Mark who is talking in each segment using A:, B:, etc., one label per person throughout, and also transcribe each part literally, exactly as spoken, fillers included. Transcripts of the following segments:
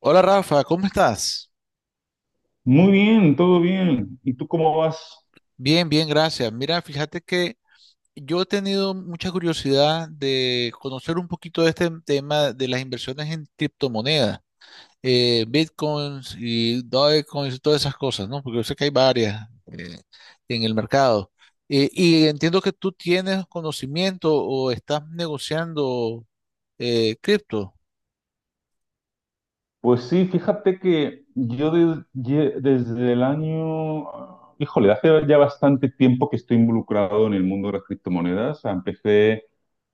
A: Hola Rafa, ¿cómo estás?
B: Muy bien, todo bien. ¿Y tú cómo vas?
A: Bien, bien, gracias. Mira, fíjate que yo he tenido mucha curiosidad de conocer un poquito de este tema de las inversiones en criptomonedas, eh, bitcoins y dogecoins y todas esas cosas, ¿no? Porque yo sé que hay varias eh, en el mercado. Eh, y entiendo que tú tienes conocimiento o estás negociando eh, cripto.
B: Pues sí, fíjate que yo de- ye- desde el año, híjole, hace ya bastante tiempo que estoy involucrado en el mundo de las criptomonedas. O sea, Empecé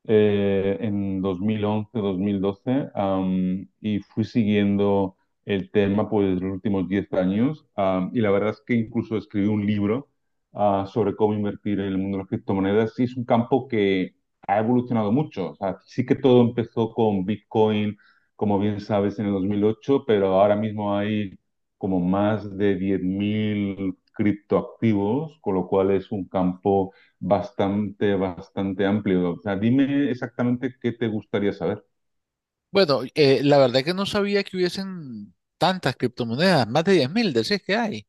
B: eh, en dos mil once, dos mil doce, am, y fui siguiendo el tema, pues los últimos diez años. Am, y la verdad es que incluso escribí un libro ah, sobre cómo invertir en el mundo de las criptomonedas. Y es un campo que ha evolucionado mucho. O sea, sí, que todo empezó con Bitcoin, como bien sabes, en el dos mil ocho, pero ahora mismo hay como más de diez mil criptoactivos, con lo cual es un campo bastante, bastante amplio. O sea, dime exactamente qué te gustaría saber.
A: Bueno, eh, la verdad que no sabía que hubiesen tantas criptomonedas, más de diez mil, decís que hay.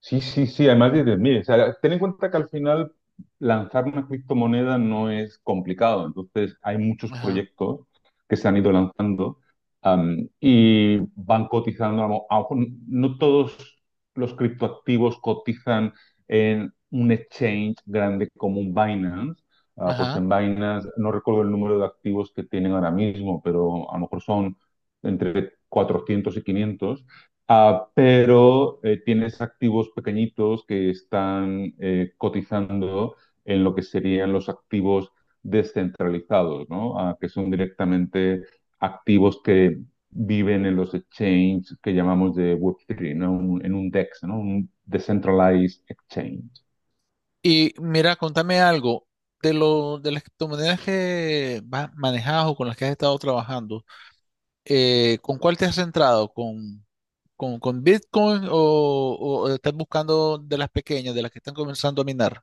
B: Sí, sí, sí, además dices, mire, o sea, ten en cuenta que al final lanzar una criptomoneda no es complicado, entonces hay muchos
A: Ajá,
B: proyectos que se han ido lanzando, am, y van cotizando. A lo a lo mejor no todos los criptoactivos cotizan en un exchange grande como un Binance. Ah, pues
A: ajá.
B: en Binance no recuerdo el número de activos que tienen ahora mismo, pero a lo mejor son entre cuatrocientos y quinientos. Ah, pero eh, tienes activos pequeñitos que están eh, cotizando en lo que serían los activos descentralizados, ¿no? Ah, que son directamente activos que viven en los exchanges que llamamos de web tres, ¿no? Un- en un DEX, ¿no? Un Decentralized Exchange.
A: Y mira, contame algo de lo de las criptomonedas que vas manejas o con las que has estado trabajando. Eh, ¿con cuál te has centrado? ¿Con, con, con Bitcoin o, o estás buscando de las pequeñas, de las que están comenzando a minar?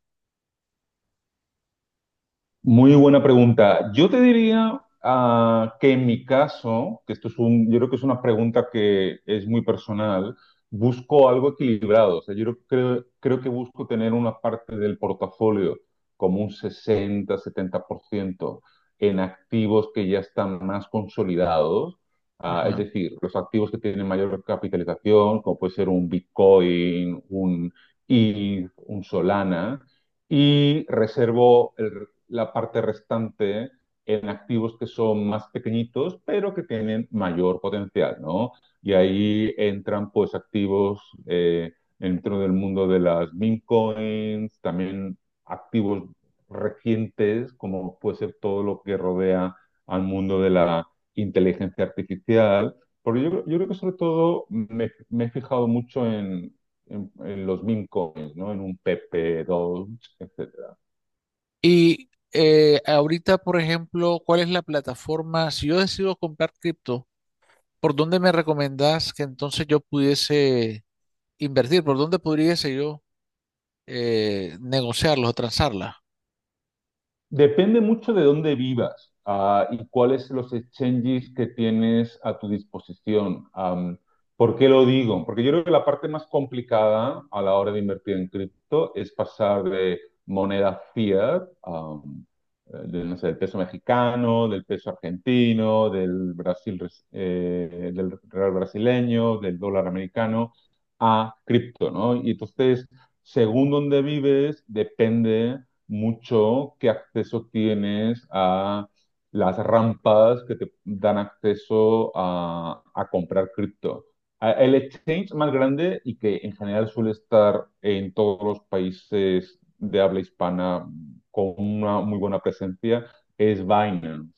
B: Muy buena pregunta. Yo te diría ah, que, en mi caso, que esto es un, yo creo que es una pregunta que es muy personal, busco algo equilibrado. O sea, yo creo, creo que busco tener una parte del portafolio como un sesenta setenta por ciento en activos que ya están más consolidados. Ah, es
A: Ajá.
B: decir, los activos que tienen mayor capitalización, como puede ser un Bitcoin, un E T H, un Solana, y reservo el, la parte restante en activos que son más pequeñitos, pero que tienen mayor potencial, ¿no? Y ahí entran pues activos eh, dentro del mundo de las meme coins, también activos recientes, como puede ser todo lo que rodea al mundo de la inteligencia artificial. Porque yo, yo creo que, sobre todo, me, me he fijado mucho en, en, en los meme coins, ¿no? En un P P dos, etcétera.
A: Y eh, ahorita, por ejemplo, ¿cuál es la plataforma? Si yo decido comprar cripto, ¿por dónde me recomendás que entonces yo pudiese invertir? ¿Por dónde pudiese yo eh, negociarlos o transarlas?
B: Depende mucho de dónde vivas, ah, y cuáles son los exchanges que tienes a tu disposición. Am, ¿por qué lo digo? Porque yo creo que la parte más complicada a la hora de invertir en cripto es pasar de moneda fiat, am, eh, de, no sé, del peso mexicano, del peso argentino, del Brasil, res- eh, del real brasileño, del dólar americano, a cripto, ¿no? Y entonces, según dónde vives, depende mucho qué acceso tienes a las rampas que te dan acceso a, a comprar cripto. A- El exchange más grande y que en general suele estar en todos los países de habla hispana con una muy buena presencia es Binance.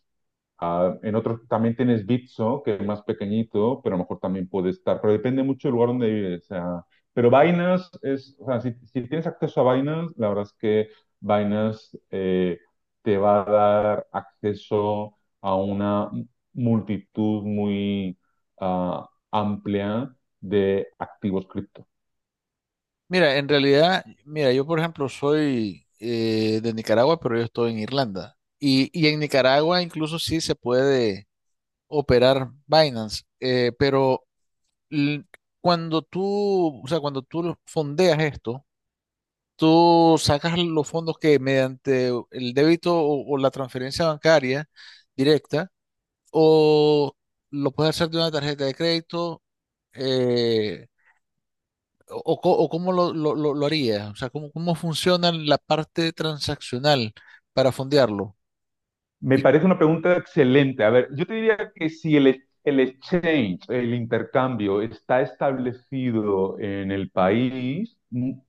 B: Ah, en otros también tienes Bitso, que es más pequeñito, pero a lo mejor también puede estar, pero depende mucho del lugar donde vives. O sea, pero Binance es, o sea, si, si tienes acceso a Binance, la verdad es que Binance eh, te va a dar acceso a una multitud muy ah, amplia de activos cripto.
A: Mira, en realidad, mira, yo por ejemplo soy eh, de Nicaragua, pero yo estoy en Irlanda. Y, y en Nicaragua incluso sí se puede operar Binance, eh, pero l- cuando tú, o sea, cuando tú lo fondeas esto, tú sacas los fondos que mediante el débito o, o la transferencia bancaria directa, o lo puedes hacer de una tarjeta de crédito, eh, o, o co- o cómo lo, lo, lo- lo haría, o sea, cómo, cómo funciona la parte transaccional para fondearlo.
B: Me
A: Y
B: parece una pregunta excelente. A ver, yo te diría que si el, e- el exchange, el intercambio, está establecido en el país, mu-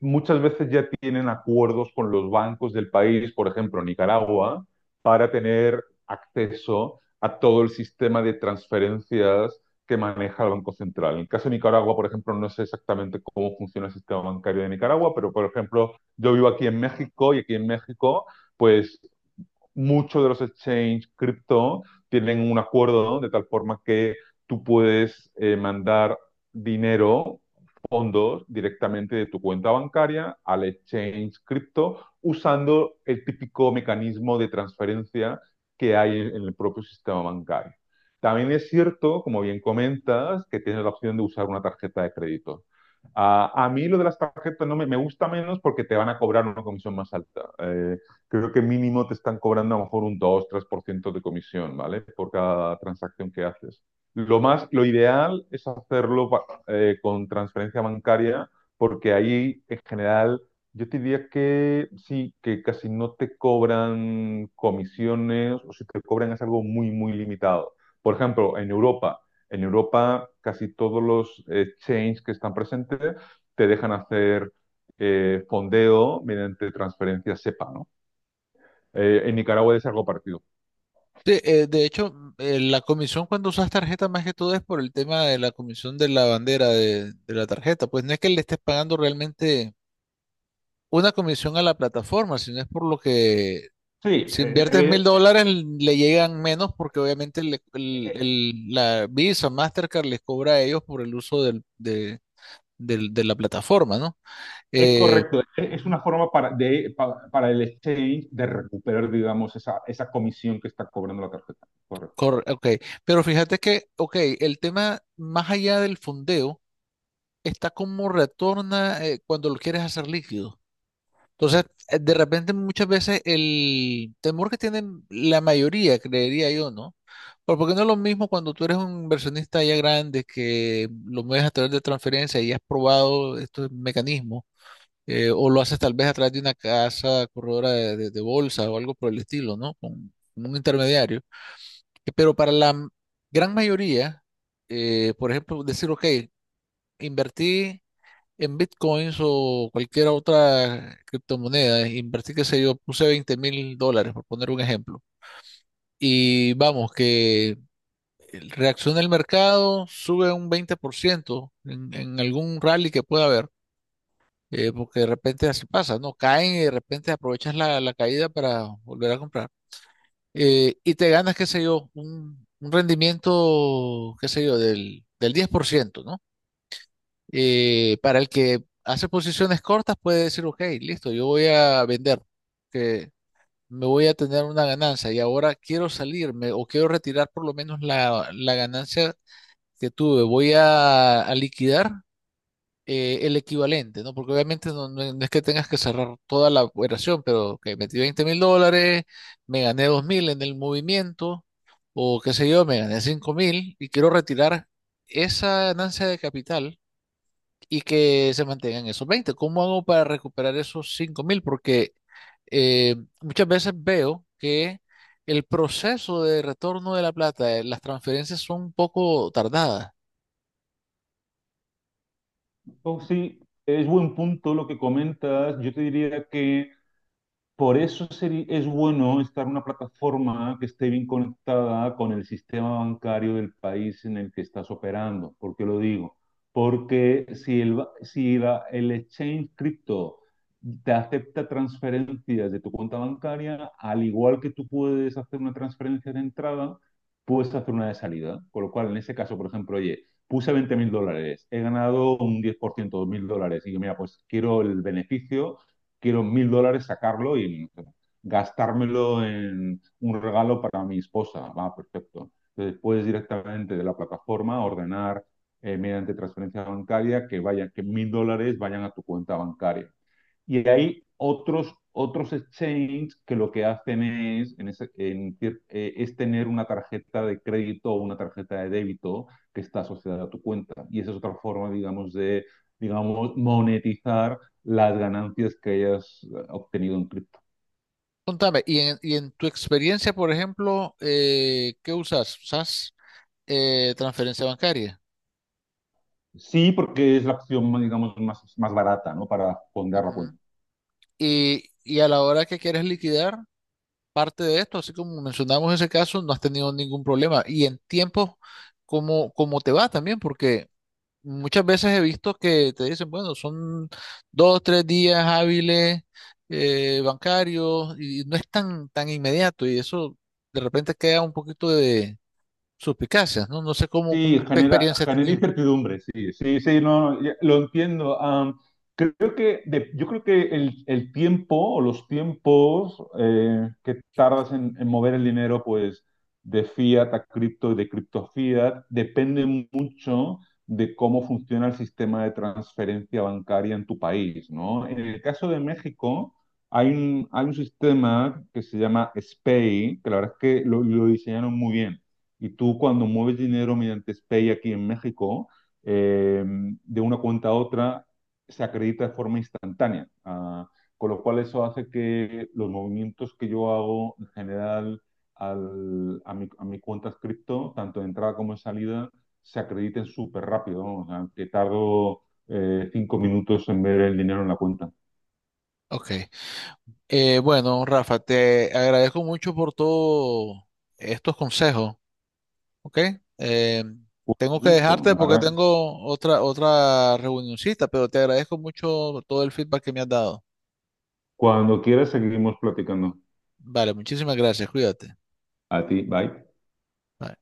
B: muchas veces ya tienen acuerdos con los bancos del país, por ejemplo, Nicaragua, para tener acceso a todo el sistema de transferencias que maneja el Banco Central. En el caso de Nicaragua, por ejemplo, no sé exactamente cómo funciona el sistema bancario de Nicaragua, pero, por ejemplo, yo vivo aquí en México, y aquí en México pues muchos de los exchanges cripto tienen un acuerdo, ¿no?, de tal forma que tú puedes eh, mandar dinero, fondos, directamente de tu cuenta bancaria al exchange cripto, usando el típico mecanismo de transferencia que hay en el propio sistema bancario. También es cierto, como bien comentas, que tienes la opción de usar una tarjeta de crédito. Uh, a mí lo de las tarjetas no me, me, gusta menos, porque te van a cobrar una comisión más alta. Eh, creo que mínimo te están cobrando a lo mejor un dos tres por ciento de comisión, ¿vale? Por cada transacción que haces. Lo más, lo ideal es hacerlo eh, con transferencia bancaria, porque ahí, en general, yo te diría que sí, que casi no te cobran comisiones, o si te cobran es algo muy, muy limitado. Por ejemplo, en Europa, en Europa casi todos los exchanges que están presentes te dejan hacer eh, fondeo mediante transferencia SEPA, ¿no? eh, en Nicaragua de largo partido.
A: de, eh, de hecho, mm, eh, la comisión cuando usas tarjeta más que todo es por el tema de la comisión de la bandera de, de la tarjeta, pues no es que le estés pagando realmente una comisión a la plataforma, sino es por lo que
B: Sí,
A: si inviertes mil
B: eh,
A: dólares le llegan menos porque obviamente le- el-
B: eh,
A: el- la Visa, Mastercard les cobra a ellos por el uso del- de, del- de la plataforma, ¿no?
B: es
A: Eh,
B: correcto. Es una forma para, de, pa- para el exchange de recuperar, digamos, esa, esa comisión que está cobrando la tarjeta. Correcto.
A: Corre- ok, pero fíjate que, ok, el tema más allá del fondeo está como retorna eh, cuando lo quieres hacer líquido. Entonces, eh, de repente muchas veces el temor que tienen la mayoría, creería yo, ¿no? Pero porque no es lo mismo cuando tú eres un inversionista ya grande que lo mueves a través de transferencia y has probado estos mecanismos, eh, o lo haces tal vez a través de una casa corredora de, de- de bolsa o algo por el estilo, ¿no? Con, con un intermediario. Eh, Pero para la m- gran mayoría, eh, por ejemplo, decir, ok, invertí en bitcoins o cualquier otra criptomoneda, invertí, qué sé yo, puse veinte mil dólares, por poner un ejemplo. Y vamos, que reacciona el mercado, sube un veinte por ciento en, en algún rally que pueda haber, eh, porque de repente así pasa, ¿no? Caen y de repente aprovechas la, la caída para volver a comprar. Eh, y te ganas, qué sé yo, un, un rendimiento, qué sé yo, del, del diez por ciento, ¿no? Eh, para el que hace posiciones cortas puede decir, ok, listo, yo voy a vender, que me voy a tener una ganancia y ahora quiero salirme o quiero retirar por lo menos la, la ganancia que tuve, voy a, a liquidar eh, el equivalente, ¿no? Porque obviamente no, no- no es que tengas que cerrar toda la operación, pero que metí veinte mil dólares, me gané dos mil en el movimiento, o qué sé yo, me gané cinco mil y quiero retirar esa ganancia de capital y que se mantengan esos veinte. ¿Cómo hago para recuperar esos cinco mil? Porque eh, muchas veces veo que el proceso de retorno de la plata, eh, las transferencias son un poco tardadas.
B: Oh, sí, es buen punto lo que comentas. Yo te diría que Por eso seri- es bueno estar en una plataforma que esté bien conectada con el sistema bancario del país en el que estás operando. ¿Por qué lo digo? Porque si el, ba- si la- el exchange cripto te acepta transferencias de tu cuenta bancaria, al igual que tú puedes hacer una transferencia de entrada, puedes hacer una de salida. Con lo cual, en ese caso, por ejemplo, oye, puse veinte mil dólares, he ganado un diez por ciento, dos mil dólares, y digo, mira, pues quiero el beneficio, quiero mil dólares sacarlo y gastármelo en un regalo para mi esposa. Va, perfecto. Entonces puedes directamente de la plataforma ordenar eh, mediante transferencia bancaria que vaya, que mil dólares vayan a tu cuenta bancaria. Y hay otros, otros exchanges que lo que hacen es, en ese- en eh, es tener una tarjeta de crédito o una tarjeta de débito que está asociada a tu cuenta. Y esa es otra forma, digamos, de, digamos, monetizar las ganancias que hayas eh, obtenido en cripto.
A: Contame, y en, y en tu experiencia, por ejemplo, eh, ¿qué usas? ¿Usas eh, transferencia bancaria?
B: Sí, porque es la opción, digamos, más, más barata, ¿no? Para fondear la
A: Ujú.
B: cuenta.
A: Y, y a la hora que quieres liquidar parte de esto, así como mencionamos ese caso, no has tenido ningún problema. Y en tiempo, ¿cómo, cómo te va también? Porque muchas veces he visto que te dicen, bueno, son dos, tres días hábiles eh, bancarios y no es tan, tan inmediato y eso de repente queda un poquito suspicacias, ¿no? No sé cómo,
B: Sí,
A: cómo- qué
B: genera,
A: experiencia has
B: genera
A: tenido.
B: incertidumbre, sí, sí, sí, no, no, ya- lo entiendo. Am, creo que de- yo creo que el, el tiempo o los tiempos eh, que tardas en, en mover el dinero, pues de fiat a cripto y de cripto a fiat, depende mucho de cómo funciona el sistema de transferencia bancaria en tu país, ¿no? En el caso de México, hay un, hay un sistema que se llama SPAY, que la verdad es que lo lo diseñaron muy bien. Y tú, cuando mueves dinero mediante SPEI aquí en México, eh, de una cuenta a otra, se acredita de forma instantánea. Ah, con lo cual eso hace que los movimientos que yo hago, en general, al- a mi, a mi cuenta cripto, tanto de entrada como de salida, se acrediten súper rápido, ¿no? O sea, que tardo eh, cinco minutos en ver el dinero en la cuenta.
A: Ok. Eh, bueno, Rafa, te agradezco mucho por todos estos consejos, ¿ok? Eh,
B: Fue un
A: Tengo que
B: gusto,
A: dejarte
B: la
A: porque
B: ¿verdad?
A: tengo otra, otra reunioncita, pero te agradezco mucho todo el feedback que me has dado.
B: Cuando quieras seguimos platicando.
A: Vale, muchísimas gracias, cuídate.
B: A ti, bye.
A: Bye.